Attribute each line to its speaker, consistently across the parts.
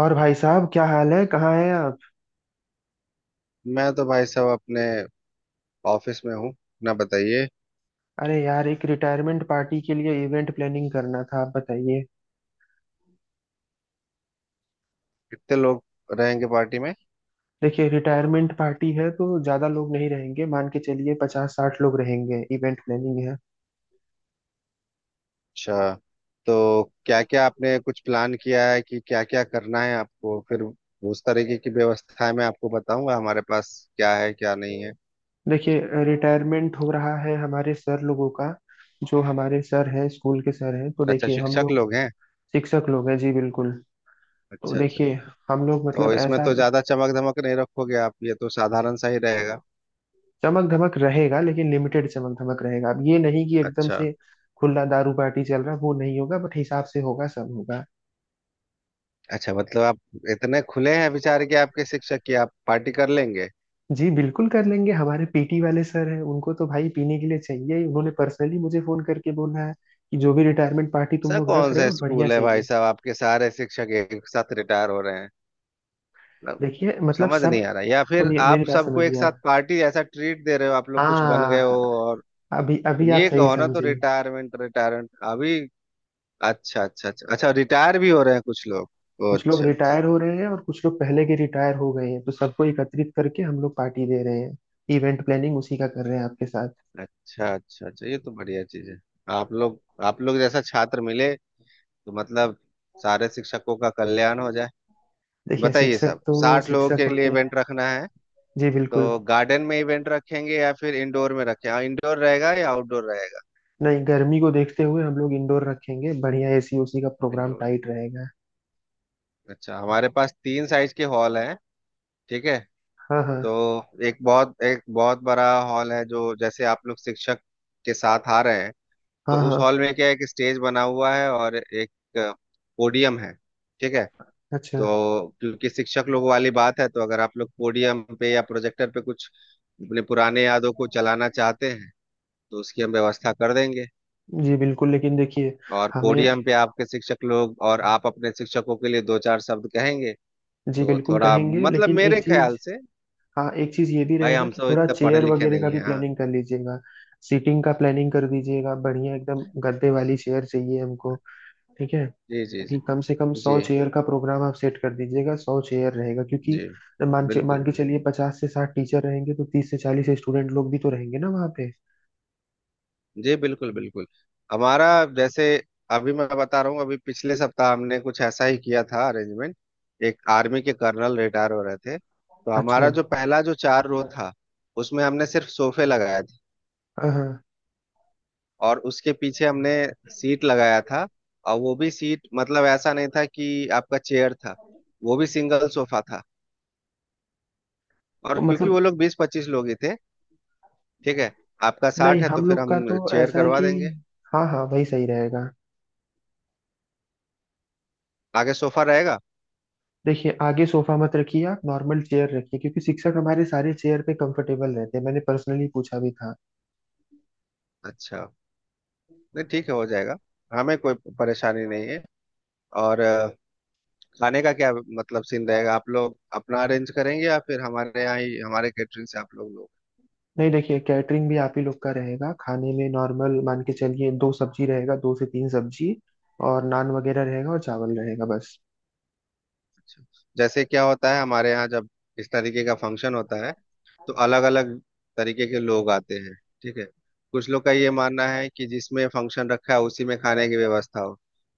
Speaker 1: और भाई साहब, क्या हाल है? कहाँ हैं आप?
Speaker 2: मैं तो भाई साहब अपने ऑफिस में हूँ। अपना बताइए,
Speaker 1: अरे यार, एक रिटायरमेंट पार्टी के लिए इवेंट प्लानिंग करना था। आप बताइए।
Speaker 2: कितने लोग रहेंगे पार्टी में?
Speaker 1: देखिए, रिटायरमेंट पार्टी है तो ज्यादा लोग नहीं रहेंगे। मान के चलिए 50-60 लोग रहेंगे। इवेंट प्लानिंग है।
Speaker 2: अच्छा, तो क्या क्या आपने कुछ प्लान किया है कि क्या क्या करना है आपको? फिर उस तरीके की व्यवस्थाएं मैं आपको बताऊंगा, हमारे पास क्या है क्या नहीं है।
Speaker 1: देखिए, रिटायरमेंट हो रहा है हमारे सर लोगों का। जो हमारे सर हैं, स्कूल के सर हैं, तो
Speaker 2: अच्छा,
Speaker 1: देखिए हम
Speaker 2: शिक्षक
Speaker 1: लोग।
Speaker 2: लोग हैं।
Speaker 1: शिक्षक लोग हैं, जी बिल्कुल। तो
Speaker 2: अच्छा अच्छा।
Speaker 1: देखिए हम लोग
Speaker 2: तो
Speaker 1: मतलब
Speaker 2: इसमें
Speaker 1: ऐसा।
Speaker 2: तो ज्यादा चमक धमक नहीं रखोगे आप, ये तो साधारण सा ही रहेगा।
Speaker 1: चमक धमक रहेगा लेकिन लिमिटेड चमक धमक रहेगा। अब ये नहीं कि एकदम
Speaker 2: अच्छा
Speaker 1: से खुला दारू पार्टी चल रहा है, वो नहीं होगा। बट हिसाब से होगा, सब होगा।
Speaker 2: अच्छा, मतलब आप इतने खुले हैं विचार कि आपके शिक्षक की आप पार्टी कर लेंगे?
Speaker 1: जी बिल्कुल कर लेंगे। हमारे पीटी वाले सर हैं, उनको तो भाई पीने के लिए चाहिए ही। उन्होंने पर्सनली मुझे फोन करके बोला है कि जो भी रिटायरमेंट पार्टी तुम
Speaker 2: सर,
Speaker 1: लोग रख
Speaker 2: कौन
Speaker 1: रहे
Speaker 2: सा
Speaker 1: हो, बढ़िया
Speaker 2: स्कूल है भाई
Speaker 1: चाहिए।
Speaker 2: साहब? आपके सारे शिक्षक एक साथ रिटायर हो रहे हैं मतलब,
Speaker 1: देखिए मतलब
Speaker 2: समझ
Speaker 1: सब।
Speaker 2: नहीं आ रहा। या फिर
Speaker 1: सुनिए
Speaker 2: आप
Speaker 1: मेरी बात,
Speaker 2: सबको एक
Speaker 1: समझिए
Speaker 2: साथ
Speaker 1: आप।
Speaker 2: पार्टी जैसा ट्रीट दे रहे हो, आप लोग कुछ बन गए हो?
Speaker 1: हाँ।
Speaker 2: और
Speaker 1: अभी अभी आप
Speaker 2: ये
Speaker 1: सही
Speaker 2: कहो ना, तो
Speaker 1: समझे।
Speaker 2: रिटायरमेंट रिटायरमेंट अभी। अच्छा अच्छा अच्छा अच्छा, रिटायर भी हो रहे हैं कुछ लोग। ओ,
Speaker 1: कुछ लोग
Speaker 2: अच्छा अच्छा
Speaker 1: रिटायर हो रहे हैं और कुछ लोग पहले के रिटायर हो गए हैं, तो सबको एकत्रित करके हम लोग पार्टी दे रहे हैं। इवेंट प्लानिंग उसी का कर रहे हैं आपके साथ।
Speaker 2: अच्छा। अच्छा अच्छा, ये तो बढ़िया चीज है। आप लोग जैसा छात्र मिले तो मतलब सारे शिक्षकों का कल्याण हो जाए।
Speaker 1: देखिए,
Speaker 2: बताइए,
Speaker 1: शिक्षक
Speaker 2: सब
Speaker 1: तो
Speaker 2: 60 लोगों
Speaker 1: शिक्षक
Speaker 2: के लिए
Speaker 1: होते हैं।
Speaker 2: इवेंट रखना है?
Speaker 1: जी बिल्कुल।
Speaker 2: तो गार्डन में इवेंट रखेंगे या फिर इंडोर में रखें? हाँ, इंडोर रहेगा या आउटडोर रहेगा?
Speaker 1: नहीं, गर्मी को देखते हुए हम लोग इंडोर रखेंगे। बढ़िया एसी, उसी का प्रोग्राम
Speaker 2: इंडोर,
Speaker 1: टाइट रहेगा।
Speaker 2: अच्छा। हमारे पास तीन साइज के हॉल हैं। ठीक है।
Speaker 1: हाँ
Speaker 2: तो
Speaker 1: हाँ।
Speaker 2: एक बहुत बड़ा हॉल है, जो जैसे आप लोग शिक्षक के साथ आ रहे हैं। तो
Speaker 1: हाँ
Speaker 2: उस
Speaker 1: हाँ।
Speaker 2: हॉल में क्या है, एक स्टेज बना हुआ है और एक पोडियम है। ठीक है।
Speaker 1: अच्छा।
Speaker 2: तो क्योंकि शिक्षक लोग वाली बात है, तो अगर आप लोग पोडियम पे या प्रोजेक्टर पे कुछ अपने पुराने यादों को चलाना चाहते हैं, तो उसकी हम व्यवस्था कर देंगे।
Speaker 1: जी बिल्कुल, लेकिन देखिए।
Speaker 2: और
Speaker 1: हमें।
Speaker 2: पोडियम पे आपके शिक्षक लोग, और आप अपने शिक्षकों के लिए दो चार शब्द कहेंगे।
Speaker 1: जी
Speaker 2: तो
Speaker 1: बिल्कुल
Speaker 2: थोड़ा,
Speaker 1: कहेंगे,
Speaker 2: मतलब
Speaker 1: लेकिन
Speaker 2: मेरे
Speaker 1: एक
Speaker 2: ख्याल
Speaker 1: चीज।
Speaker 2: से
Speaker 1: हाँ, एक चीज ये भी
Speaker 2: भाई
Speaker 1: रहेगा
Speaker 2: हम
Speaker 1: कि
Speaker 2: सब
Speaker 1: थोड़ा
Speaker 2: इतने पढ़े
Speaker 1: चेयर
Speaker 2: लिखे
Speaker 1: वगैरह का
Speaker 2: नहीं
Speaker 1: भी
Speaker 2: है। हाँ।
Speaker 1: प्लानिंग कर लीजिएगा। सीटिंग का प्लानिंग कर दीजिएगा, बढ़िया एकदम गद्दे वाली चेयर चाहिए हमको। ठीक है,
Speaker 2: जी जी
Speaker 1: क्योंकि
Speaker 2: जी।
Speaker 1: कम से कम
Speaker 2: जी
Speaker 1: 100 चेयर का प्रोग्राम आप सेट कर दीजिएगा। 100 चेयर रहेगा क्योंकि
Speaker 2: जी बिल्कुल
Speaker 1: मान के
Speaker 2: बिल्कुल।
Speaker 1: चलिए 50 से 60 टीचर रहेंगे, तो 30 से 40 स्टूडेंट लोग भी तो रहेंगे ना वहाँ पे।
Speaker 2: जी बिल्कुल बिल्कुल। हमारा, जैसे अभी मैं बता रहा हूँ, अभी पिछले सप्ताह हमने कुछ ऐसा ही किया था अरेंजमेंट। एक आर्मी के कर्नल रिटायर हो रहे थे, तो
Speaker 1: अच्छा,
Speaker 2: हमारा जो
Speaker 1: हाँ।
Speaker 2: पहला जो चार रो था उसमें हमने सिर्फ सोफे लगाया।
Speaker 1: हाँ।
Speaker 2: और उसके पीछे हमने सीट लगाया था। और वो भी सीट, मतलब ऐसा नहीं था कि आपका चेयर था, वो भी सिंगल सोफा था। और
Speaker 1: तो
Speaker 2: क्योंकि
Speaker 1: मतलब।
Speaker 2: वो लोग 20-25 लोग ही थे। ठीक है। आपका 60
Speaker 1: नहीं,
Speaker 2: है तो
Speaker 1: हम
Speaker 2: फिर
Speaker 1: लोग का तो
Speaker 2: हम चेयर
Speaker 1: ऐसा है
Speaker 2: करवा
Speaker 1: कि।
Speaker 2: देंगे,
Speaker 1: हाँ हाँ, वही सही रहेगा।
Speaker 2: आगे सोफा रहेगा।
Speaker 1: देखिए, आगे सोफा मत रखिए। आप नॉर्मल चेयर रखिए, क्योंकि शिक्षक हमारे सारे चेयर पे कंफर्टेबल रहते हैं। मैंने पर्सनली पूछा भी था।
Speaker 2: अच्छा, नहीं ठीक है, हो जाएगा। हमें कोई परेशानी नहीं है। और खाने का क्या मतलब सीन रहेगा? आप लोग अपना अरेंज करेंगे या फिर हमारे यहाँ ही हमारे कैटरिंग से आप लोग लोग?
Speaker 1: नहीं, देखिए, कैटरिंग भी आप ही लोग का रहेगा। खाने में नॉर्मल मान के चलिए दो सब्जी रहेगा, दो से तीन सब्जी। और नान वगैरह रहेगा और चावल रहेगा, बस।
Speaker 2: अच्छा। जैसे क्या होता है हमारे यहाँ जब इस तरीके का फंक्शन होता है, तो अलग अलग तरीके के लोग आते हैं। ठीक है। कुछ लोग का ये मानना है कि जिसमें फंक्शन रखा है उसी में खाने की व्यवस्था हो।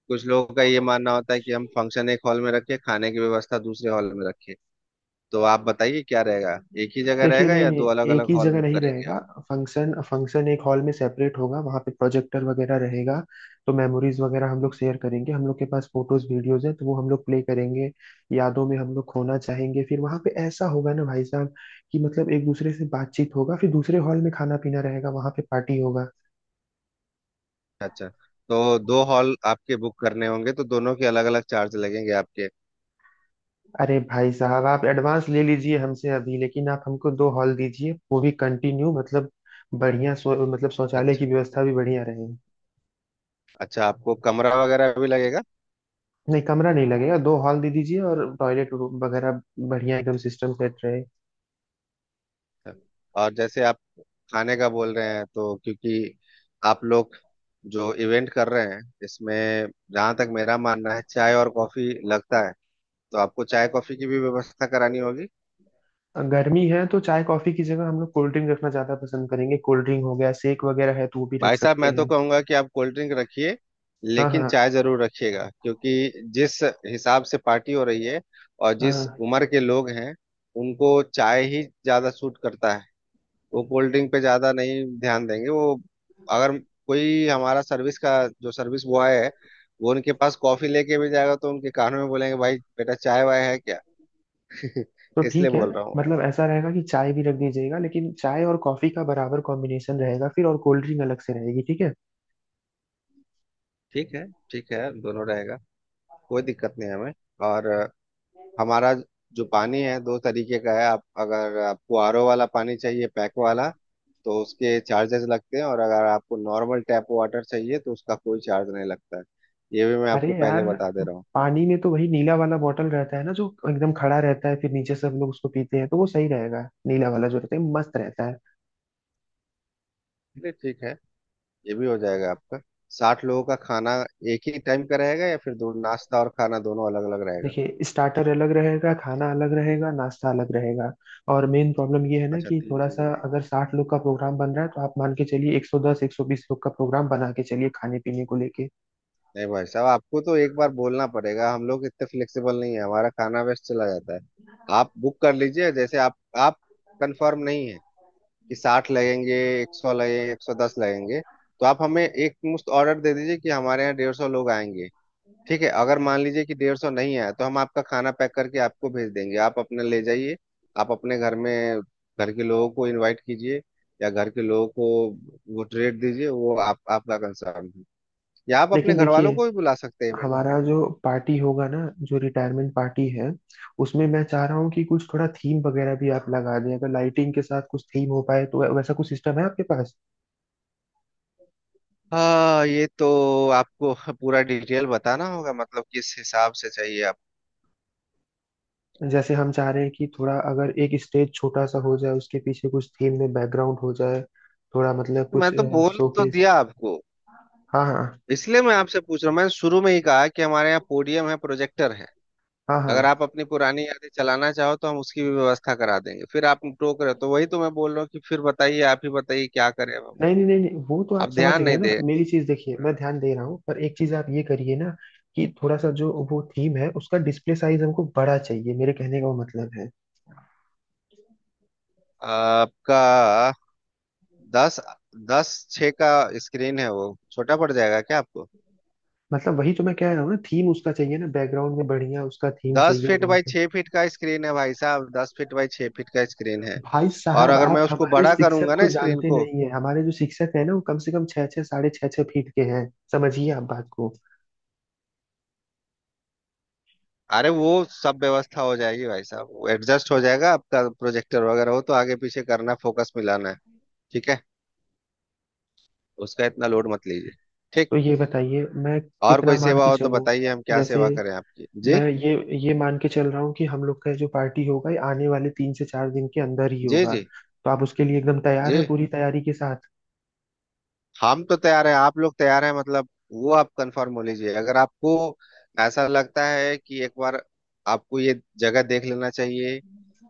Speaker 2: कुछ लोगों का ये मानना होता है कि हम फंक्शन एक हॉल में रखें, खाने की व्यवस्था दूसरे हॉल में रखें। तो आप बताइए क्या रहेगा, एक ही जगह
Speaker 1: देखिए,
Speaker 2: रहेगा
Speaker 1: नहीं
Speaker 2: या
Speaker 1: नहीं।
Speaker 2: दो अलग
Speaker 1: एक
Speaker 2: अलग
Speaker 1: ही
Speaker 2: हॉल
Speaker 1: जगह
Speaker 2: बुक
Speaker 1: नहीं
Speaker 2: करेंगे
Speaker 1: रहेगा।
Speaker 2: आप?
Speaker 1: फंक्शन फंक्शन एक हॉल में सेपरेट होगा, वहाँ पे प्रोजेक्टर वगैरह रहेगा। तो मेमोरीज वगैरह हम लोग शेयर करेंगे। हम लोग के पास फोटोज वीडियोज हैं तो वो हम लोग प्ले करेंगे। यादों में हम लोग खोना चाहेंगे। फिर वहाँ पे ऐसा होगा ना भाई साहब, कि मतलब एक दूसरे से बातचीत होगा। फिर दूसरे हॉल में खाना पीना रहेगा, वहाँ पे पार्टी होगा।
Speaker 2: अच्छा, तो दो हॉल आपके बुक करने होंगे, तो दोनों के अलग अलग चार्ज लगेंगे आपके।
Speaker 1: अरे भाई साहब, आप एडवांस ले लीजिए हमसे अभी, लेकिन आप हमको दो हॉल दीजिए, वो भी कंटिन्यू मतलब। बढ़िया, सो, मतलब शौचालय की
Speaker 2: अच्छा
Speaker 1: व्यवस्था भी बढ़िया रहे।
Speaker 2: अच्छा, आपको कमरा वगैरह भी लगेगा?
Speaker 1: नहीं, कमरा नहीं लगेगा। दो हॉल दे दीजिए और टॉयलेट वगैरह बढ़िया एकदम सिस्टम सेट रहे।
Speaker 2: और जैसे आप खाने का बोल रहे हैं, तो क्योंकि आप लोग जो इवेंट कर रहे हैं इसमें, जहां तक मेरा मानना है, चाय और कॉफी लगता है, तो आपको चाय कॉफी की भी व्यवस्था करानी होगी।
Speaker 1: गर्मी है तो चाय कॉफी की जगह हम लोग कोल्ड ड्रिंक रखना ज्यादा पसंद करेंगे। कोल्ड ड्रिंक हो गया, शेक वगैरह है तो वो भी रख
Speaker 2: भाई साहब,
Speaker 1: सकते
Speaker 2: मैं तो
Speaker 1: हैं।
Speaker 2: कहूंगा कि आप कोल्ड ड्रिंक रखिए,
Speaker 1: हाँ हाँ।
Speaker 2: लेकिन चाय जरूर रखिएगा। क्योंकि जिस हिसाब से पार्टी हो रही है और
Speaker 1: हाँ
Speaker 2: जिस
Speaker 1: हाँ।
Speaker 2: उम्र के लोग हैं, उनको चाय ही ज्यादा सूट करता है। वो कोल्ड ड्रिंक पे ज्यादा नहीं ध्यान देंगे। वो, अगर कोई हमारा सर्विस का जो सर्विस बॉय है, वो उनके पास कॉफी लेके भी जाएगा तो उनके कानों में बोलेंगे, भाई बेटा चाय वाय है क्या?
Speaker 1: तो
Speaker 2: इसलिए
Speaker 1: ठीक है।
Speaker 2: बोल रहा हूँ मैं।
Speaker 1: मतलब ऐसा रहेगा कि चाय भी रख दीजिएगा, लेकिन चाय और कॉफी का बराबर कॉम्बिनेशन रहेगा, फिर और कोल्ड ड्रिंक अलग से रहेगी। ठीक है।
Speaker 2: ठीक है, ठीक है, दोनों रहेगा, कोई दिक्कत नहीं है हमें। और हमारा जो पानी है दो तरीके का है। आप, अगर आपको आरओ वाला पानी चाहिए पैक वाला, तो उसके चार्जेस लगते हैं, और अगर आपको नॉर्मल टैप वाटर चाहिए तो उसका कोई चार्ज नहीं लगता है। ये भी मैं
Speaker 1: अरे
Speaker 2: आपको पहले
Speaker 1: यार,
Speaker 2: बता दे रहा हूँ।
Speaker 1: पानी में तो वही नीला वाला बॉटल रहता है ना, जो एकदम खड़ा रहता है, फिर नीचे से हम लोग उसको पीते हैं, तो वो सही रहेगा। नीला वाला जो रहता है, मस्त रहता है।
Speaker 2: ठीक है, ठीक है, ये भी हो जाएगा आपका। 60 लोगों का खाना एक ही टाइम का रहेगा, या फिर दो, नाश्ता और खाना दोनों अलग अलग रहेगा?
Speaker 1: देखिए, स्टार्टर अलग रहेगा, खाना अलग रहेगा, नाश्ता अलग रहेगा। और मेन प्रॉब्लम ये है ना
Speaker 2: अच्छा,
Speaker 1: कि
Speaker 2: तीन
Speaker 1: थोड़ा
Speaker 2: चीजें
Speaker 1: सा
Speaker 2: रहेगा।
Speaker 1: अगर 60 लोग का प्रोग्राम बन रहा है, तो आप मान के चलिए 110-120 लोग का प्रोग्राम बना के चलिए खाने पीने को लेके।
Speaker 2: नहीं भाई साहब, आपको तो एक बार बोलना पड़ेगा, हम लोग इतने फ्लेक्सिबल नहीं है, हमारा खाना वेस्ट चला जाता है। आप बुक कर लीजिए, जैसे आप कंफर्म नहीं है कि 60 लगेंगे, 100 लगेंगे, 110 लगेंगे, तो आप हमें एक मुश्त ऑर्डर दे दीजिए कि हमारे यहाँ 150 लोग आएंगे। ठीक है, अगर मान लीजिए कि 150 नहीं आया, तो हम आपका खाना पैक करके आपको भेज देंगे, आप अपने ले जाइए, आप अपने घर में घर के लोगों को इनवाइट कीजिए, या घर के लोगों को वो ट्रीट दीजिए, वो आप आपका कंसर्न है। या आप अपने
Speaker 1: लेकिन
Speaker 2: घर वालों
Speaker 1: देखिए,
Speaker 2: को भी बुला सकते हैं इवेंट में।
Speaker 1: हमारा जो पार्टी होगा ना, जो रिटायरमेंट पार्टी है, उसमें मैं चाह रहा हूँ कि कुछ थोड़ा थीम वगैरह भी आप लगा दें। अगर लाइटिंग के साथ कुछ थीम हो पाए, तो वैसा कुछ सिस्टम है आपके पास?
Speaker 2: हाँ, ये तो आपको पूरा डिटेल बताना होगा, मतलब किस हिसाब से चाहिए आपको।
Speaker 1: जैसे हम चाह रहे हैं कि थोड़ा अगर एक स्टेज छोटा सा हो जाए, उसके पीछे कुछ थीम में बैकग्राउंड हो जाए। थोड़ा मतलब कुछ
Speaker 2: मैं तो बोल तो
Speaker 1: शोकेस।
Speaker 2: दिया आपको,
Speaker 1: हाँ हाँ।
Speaker 2: इसलिए मैं आपसे पूछ रहा हूँ। मैंने शुरू में ही कहा कि हमारे यहाँ पोडियम है, प्रोजेक्टर है,
Speaker 1: हाँ हाँ।
Speaker 2: अगर आप अपनी पुरानी यादें चलाना चाहो तो हम उसकी भी व्यवस्था करा देंगे। फिर आप टोक रहे हो, तो वही तो मैं बोल रहा हूँ कि फिर बताइए, आप ही बताइए क्या करें अब।
Speaker 1: नहीं नहीं नहीं नहीं, वो तो आप
Speaker 2: आप
Speaker 1: समझ
Speaker 2: ध्यान
Speaker 1: गए
Speaker 2: नहीं
Speaker 1: ना
Speaker 2: दे।
Speaker 1: मेरी चीज। देखिए, मैं ध्यान दे रहा हूँ, पर एक चीज आप ये करिए ना, कि थोड़ा सा जो वो थीम है, उसका डिस्प्ले साइज हमको बड़ा चाहिए। मेरे कहने का वो मतलब है।
Speaker 2: आपका दस दस छः का स्क्रीन है, वो छोटा पड़ जाएगा क्या आपको?
Speaker 1: मतलब वही तो मैं कह रहा हूँ ना, थीम उसका चाहिए ना बैकग्राउंड में, बढ़िया उसका थीम
Speaker 2: दस
Speaker 1: चाहिए
Speaker 2: फीट
Speaker 1: वॉल।
Speaker 2: बाई 6 फीट का स्क्रीन है भाई साहब, 10 फीट बाई छः फीट का स्क्रीन है।
Speaker 1: भाई
Speaker 2: और
Speaker 1: साहब,
Speaker 2: अगर मैं
Speaker 1: आप
Speaker 2: उसको
Speaker 1: हमारे
Speaker 2: बड़ा
Speaker 1: शिक्षक
Speaker 2: करूंगा
Speaker 1: को
Speaker 2: ना स्क्रीन
Speaker 1: जानते
Speaker 2: को,
Speaker 1: नहीं है। हमारे जो शिक्षक है ना, वो कम से कम छः छः साढ़े छः छः फीट के हैं। समझिए आप बात को।
Speaker 2: अरे वो सब व्यवस्था हो जाएगी भाई साहब, एडजस्ट हो जाएगा। आपका प्रोजेक्टर वगैरह हो तो आगे पीछे करना, फोकस मिलाना है। ठीक है, उसका इतना लोड मत लीजिए। ठीक।
Speaker 1: तो ये बताइए मैं
Speaker 2: और
Speaker 1: कितना
Speaker 2: कोई
Speaker 1: मान
Speaker 2: सेवा
Speaker 1: के
Speaker 2: हो तो
Speaker 1: चलूं?
Speaker 2: बताइए, हम क्या
Speaker 1: जैसे
Speaker 2: सेवा करें आपकी जी
Speaker 1: मैं ये मान के चल रहा हूँ कि हम लोग का जो पार्टी होगा, ये आने वाले 3 से 4 दिन के अंदर ही
Speaker 2: जी
Speaker 1: होगा।
Speaker 2: जी।
Speaker 1: तो आप उसके लिए एकदम तैयार
Speaker 2: जी।
Speaker 1: हैं पूरी तैयारी के साथ?
Speaker 2: हम तो तैयार हैं, आप लोग तैयार हैं मतलब? वो आप कंफर्म हो लीजिए। अगर आपको ऐसा लगता है कि एक बार आपको ये जगह देख लेना चाहिए,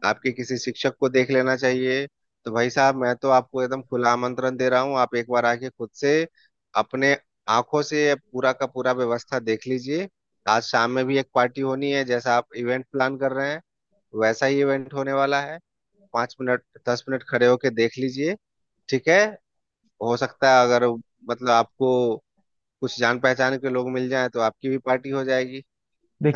Speaker 2: आपके किसी शिक्षक को देख लेना चाहिए, तो भाई साहब मैं तो आपको एकदम खुला आमंत्रण दे रहा हूँ। आप एक बार आके खुद से अपने आंखों से पूरा का पूरा व्यवस्था देख लीजिए। आज शाम में भी एक पार्टी होनी है, जैसा आप इवेंट प्लान कर रहे हैं वैसा ही इवेंट होने वाला है। 5 मिनट, 10 मिनट खड़े होके देख लीजिए। ठीक है। हो सकता है, अगर मतलब आपको कुछ जान पहचान के लोग मिल जाए, तो आपकी भी पार्टी हो जाएगी।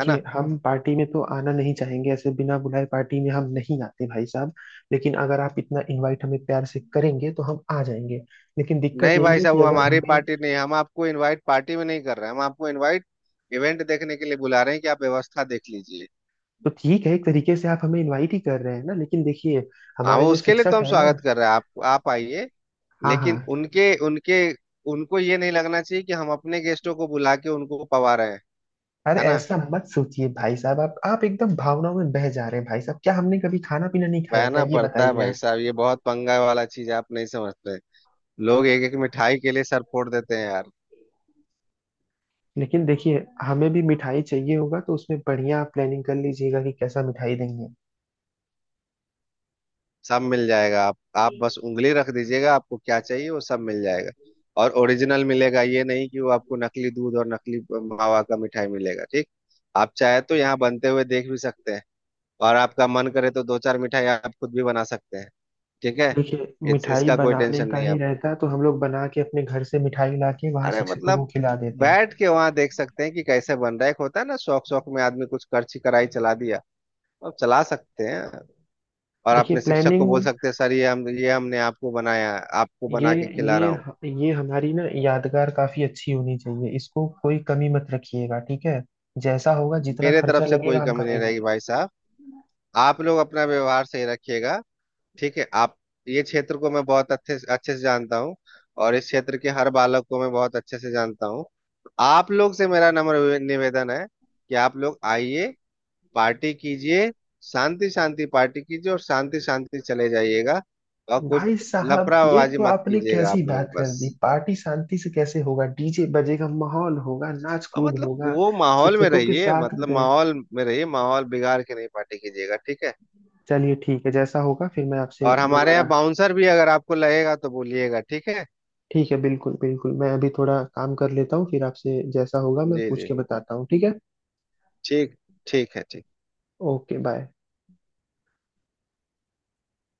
Speaker 2: है ना।
Speaker 1: हम पार्टी में तो आना नहीं चाहेंगे। ऐसे बिना बुलाए पार्टी में हम नहीं आते भाई साहब। लेकिन अगर आप इतना इनवाइट हमें प्यार से करेंगे, तो हम आ जाएंगे। लेकिन दिक्कत
Speaker 2: नहीं
Speaker 1: यही
Speaker 2: भाई
Speaker 1: है
Speaker 2: साहब,
Speaker 1: कि
Speaker 2: वो
Speaker 1: अगर
Speaker 2: हमारी
Speaker 1: हमें,
Speaker 2: पार्टी नहीं है, हम आपको इनवाइट पार्टी में नहीं कर रहे हैं, हम आपको इनवाइट इवेंट देखने के लिए बुला रहे हैं कि आप व्यवस्था देख लीजिए।
Speaker 1: तो ठीक है, एक तरीके से आप हमें इनवाइट ही कर रहे हैं ना। लेकिन देखिए,
Speaker 2: हाँ,
Speaker 1: हमारे
Speaker 2: वो
Speaker 1: जो
Speaker 2: उसके लिए तो
Speaker 1: शिक्षक
Speaker 2: हम
Speaker 1: है ना।
Speaker 2: स्वागत कर रहे हैं। आप आइए।
Speaker 1: हाँ
Speaker 2: लेकिन
Speaker 1: हाँ।
Speaker 2: उनके उनके उनको ये नहीं लगना चाहिए कि हम अपने गेस्टों को बुला के उनको पवा रहे हैं।
Speaker 1: अरे,
Speaker 2: है ना।
Speaker 1: ऐसा मत सोचिए भाई साहब, आप एकदम भावनाओं में बह जा रहे हैं। भाई साहब, क्या हमने कभी खाना पीना नहीं खाया? क्या
Speaker 2: बहना
Speaker 1: ये
Speaker 2: पड़ता है
Speaker 1: बताइए
Speaker 2: भाई
Speaker 1: आप।
Speaker 2: साहब, ये बहुत पंगा वाला चीज आप नहीं समझते। लोग एक एक मिठाई के लिए सर फोड़ देते हैं यार।
Speaker 1: लेकिन देखिए, हमें भी मिठाई चाहिए होगा, तो उसमें बढ़िया आप प्लानिंग कर लीजिएगा कि कैसा मिठाई देंगे।
Speaker 2: सब मिल जाएगा। आप बस उंगली रख दीजिएगा, आपको क्या चाहिए वो सब मिल जाएगा। और ओरिजिनल मिलेगा, ये नहीं कि वो आपको नकली दूध और नकली मावा का मिठाई मिलेगा। ठीक। आप चाहे तो यहाँ बनते हुए देख भी सकते हैं, और आपका मन करे तो दो चार मिठाई आप खुद भी बना सकते हैं। ठीक है।
Speaker 1: देखिए, मिठाई
Speaker 2: इसका कोई
Speaker 1: बनाने
Speaker 2: टेंशन
Speaker 1: का
Speaker 2: नहीं है
Speaker 1: ही
Speaker 2: आपको।
Speaker 1: रहता, तो हम लोग बना के अपने घर से मिठाई ला के वहाँ
Speaker 2: अरे
Speaker 1: शिक्षकों को
Speaker 2: मतलब
Speaker 1: खिला देते हैं।
Speaker 2: बैठ के वहां देख सकते हैं कि कैसे बन रहा है। एक होता है ना, शौक शौक में आदमी कुछ करछी कराई चला दिया, अब चला सकते हैं। और
Speaker 1: देखिए,
Speaker 2: अपने शिक्षक को
Speaker 1: प्लानिंग
Speaker 2: बोल सकते हैं, सर ये हमने आपको बनाया है, आपको
Speaker 1: ये
Speaker 2: बना के खिला रहा हूँ।
Speaker 1: ये हमारी ना यादगार काफी अच्छी होनी चाहिए। इसको कोई कमी मत रखिएगा, ठीक है। जैसा होगा, जितना
Speaker 2: मेरे तरफ
Speaker 1: खर्चा
Speaker 2: से कोई
Speaker 1: लगेगा, हम
Speaker 2: कमी नहीं रहेगी
Speaker 1: करेंगे।
Speaker 2: भाई साहब, आप लोग अपना व्यवहार सही रखिएगा। ठीक है। आप, ये क्षेत्र को मैं बहुत अच्छे अच्छे से जानता हूँ, और इस क्षेत्र के हर बालक को मैं बहुत अच्छे से जानता हूँ। आप लोग से मेरा नम्र निवेदन है कि आप लोग आइए, पार्टी कीजिए, शांति शांति पार्टी कीजिए और शांति शांति चले जाइएगा। और कोई
Speaker 1: भाई साहब, ये
Speaker 2: लफड़ाबाजी
Speaker 1: तो
Speaker 2: मत
Speaker 1: आपने
Speaker 2: कीजिएगा
Speaker 1: कैसी
Speaker 2: आप लोग,
Speaker 1: बात कर
Speaker 2: बस।
Speaker 1: दी? पार्टी शांति से कैसे होगा? डीजे बजेगा, माहौल होगा, नाच
Speaker 2: और
Speaker 1: कूद
Speaker 2: मतलब
Speaker 1: होगा।
Speaker 2: वो माहौल में
Speaker 1: शिक्षकों के
Speaker 2: रहिए,
Speaker 1: साथ
Speaker 2: मतलब
Speaker 1: गए,
Speaker 2: माहौल में रहिए, माहौल बिगाड़ के नहीं पार्टी कीजिएगा। ठीक है।
Speaker 1: चलिए ठीक है, जैसा होगा फिर मैं आपसे
Speaker 2: और हमारे यहाँ
Speaker 1: दोबारा।
Speaker 2: बाउंसर भी अगर आपको लगेगा तो बोलिएगा। ठीक है।
Speaker 1: ठीक है, बिल्कुल बिल्कुल, मैं अभी थोड़ा काम कर लेता हूँ, फिर आपसे जैसा होगा मैं
Speaker 2: जी
Speaker 1: पूछ
Speaker 2: जी।
Speaker 1: के बताता हूँ, ठीक है।
Speaker 2: ठीक। ठीक है ठीक।
Speaker 1: Okay bye.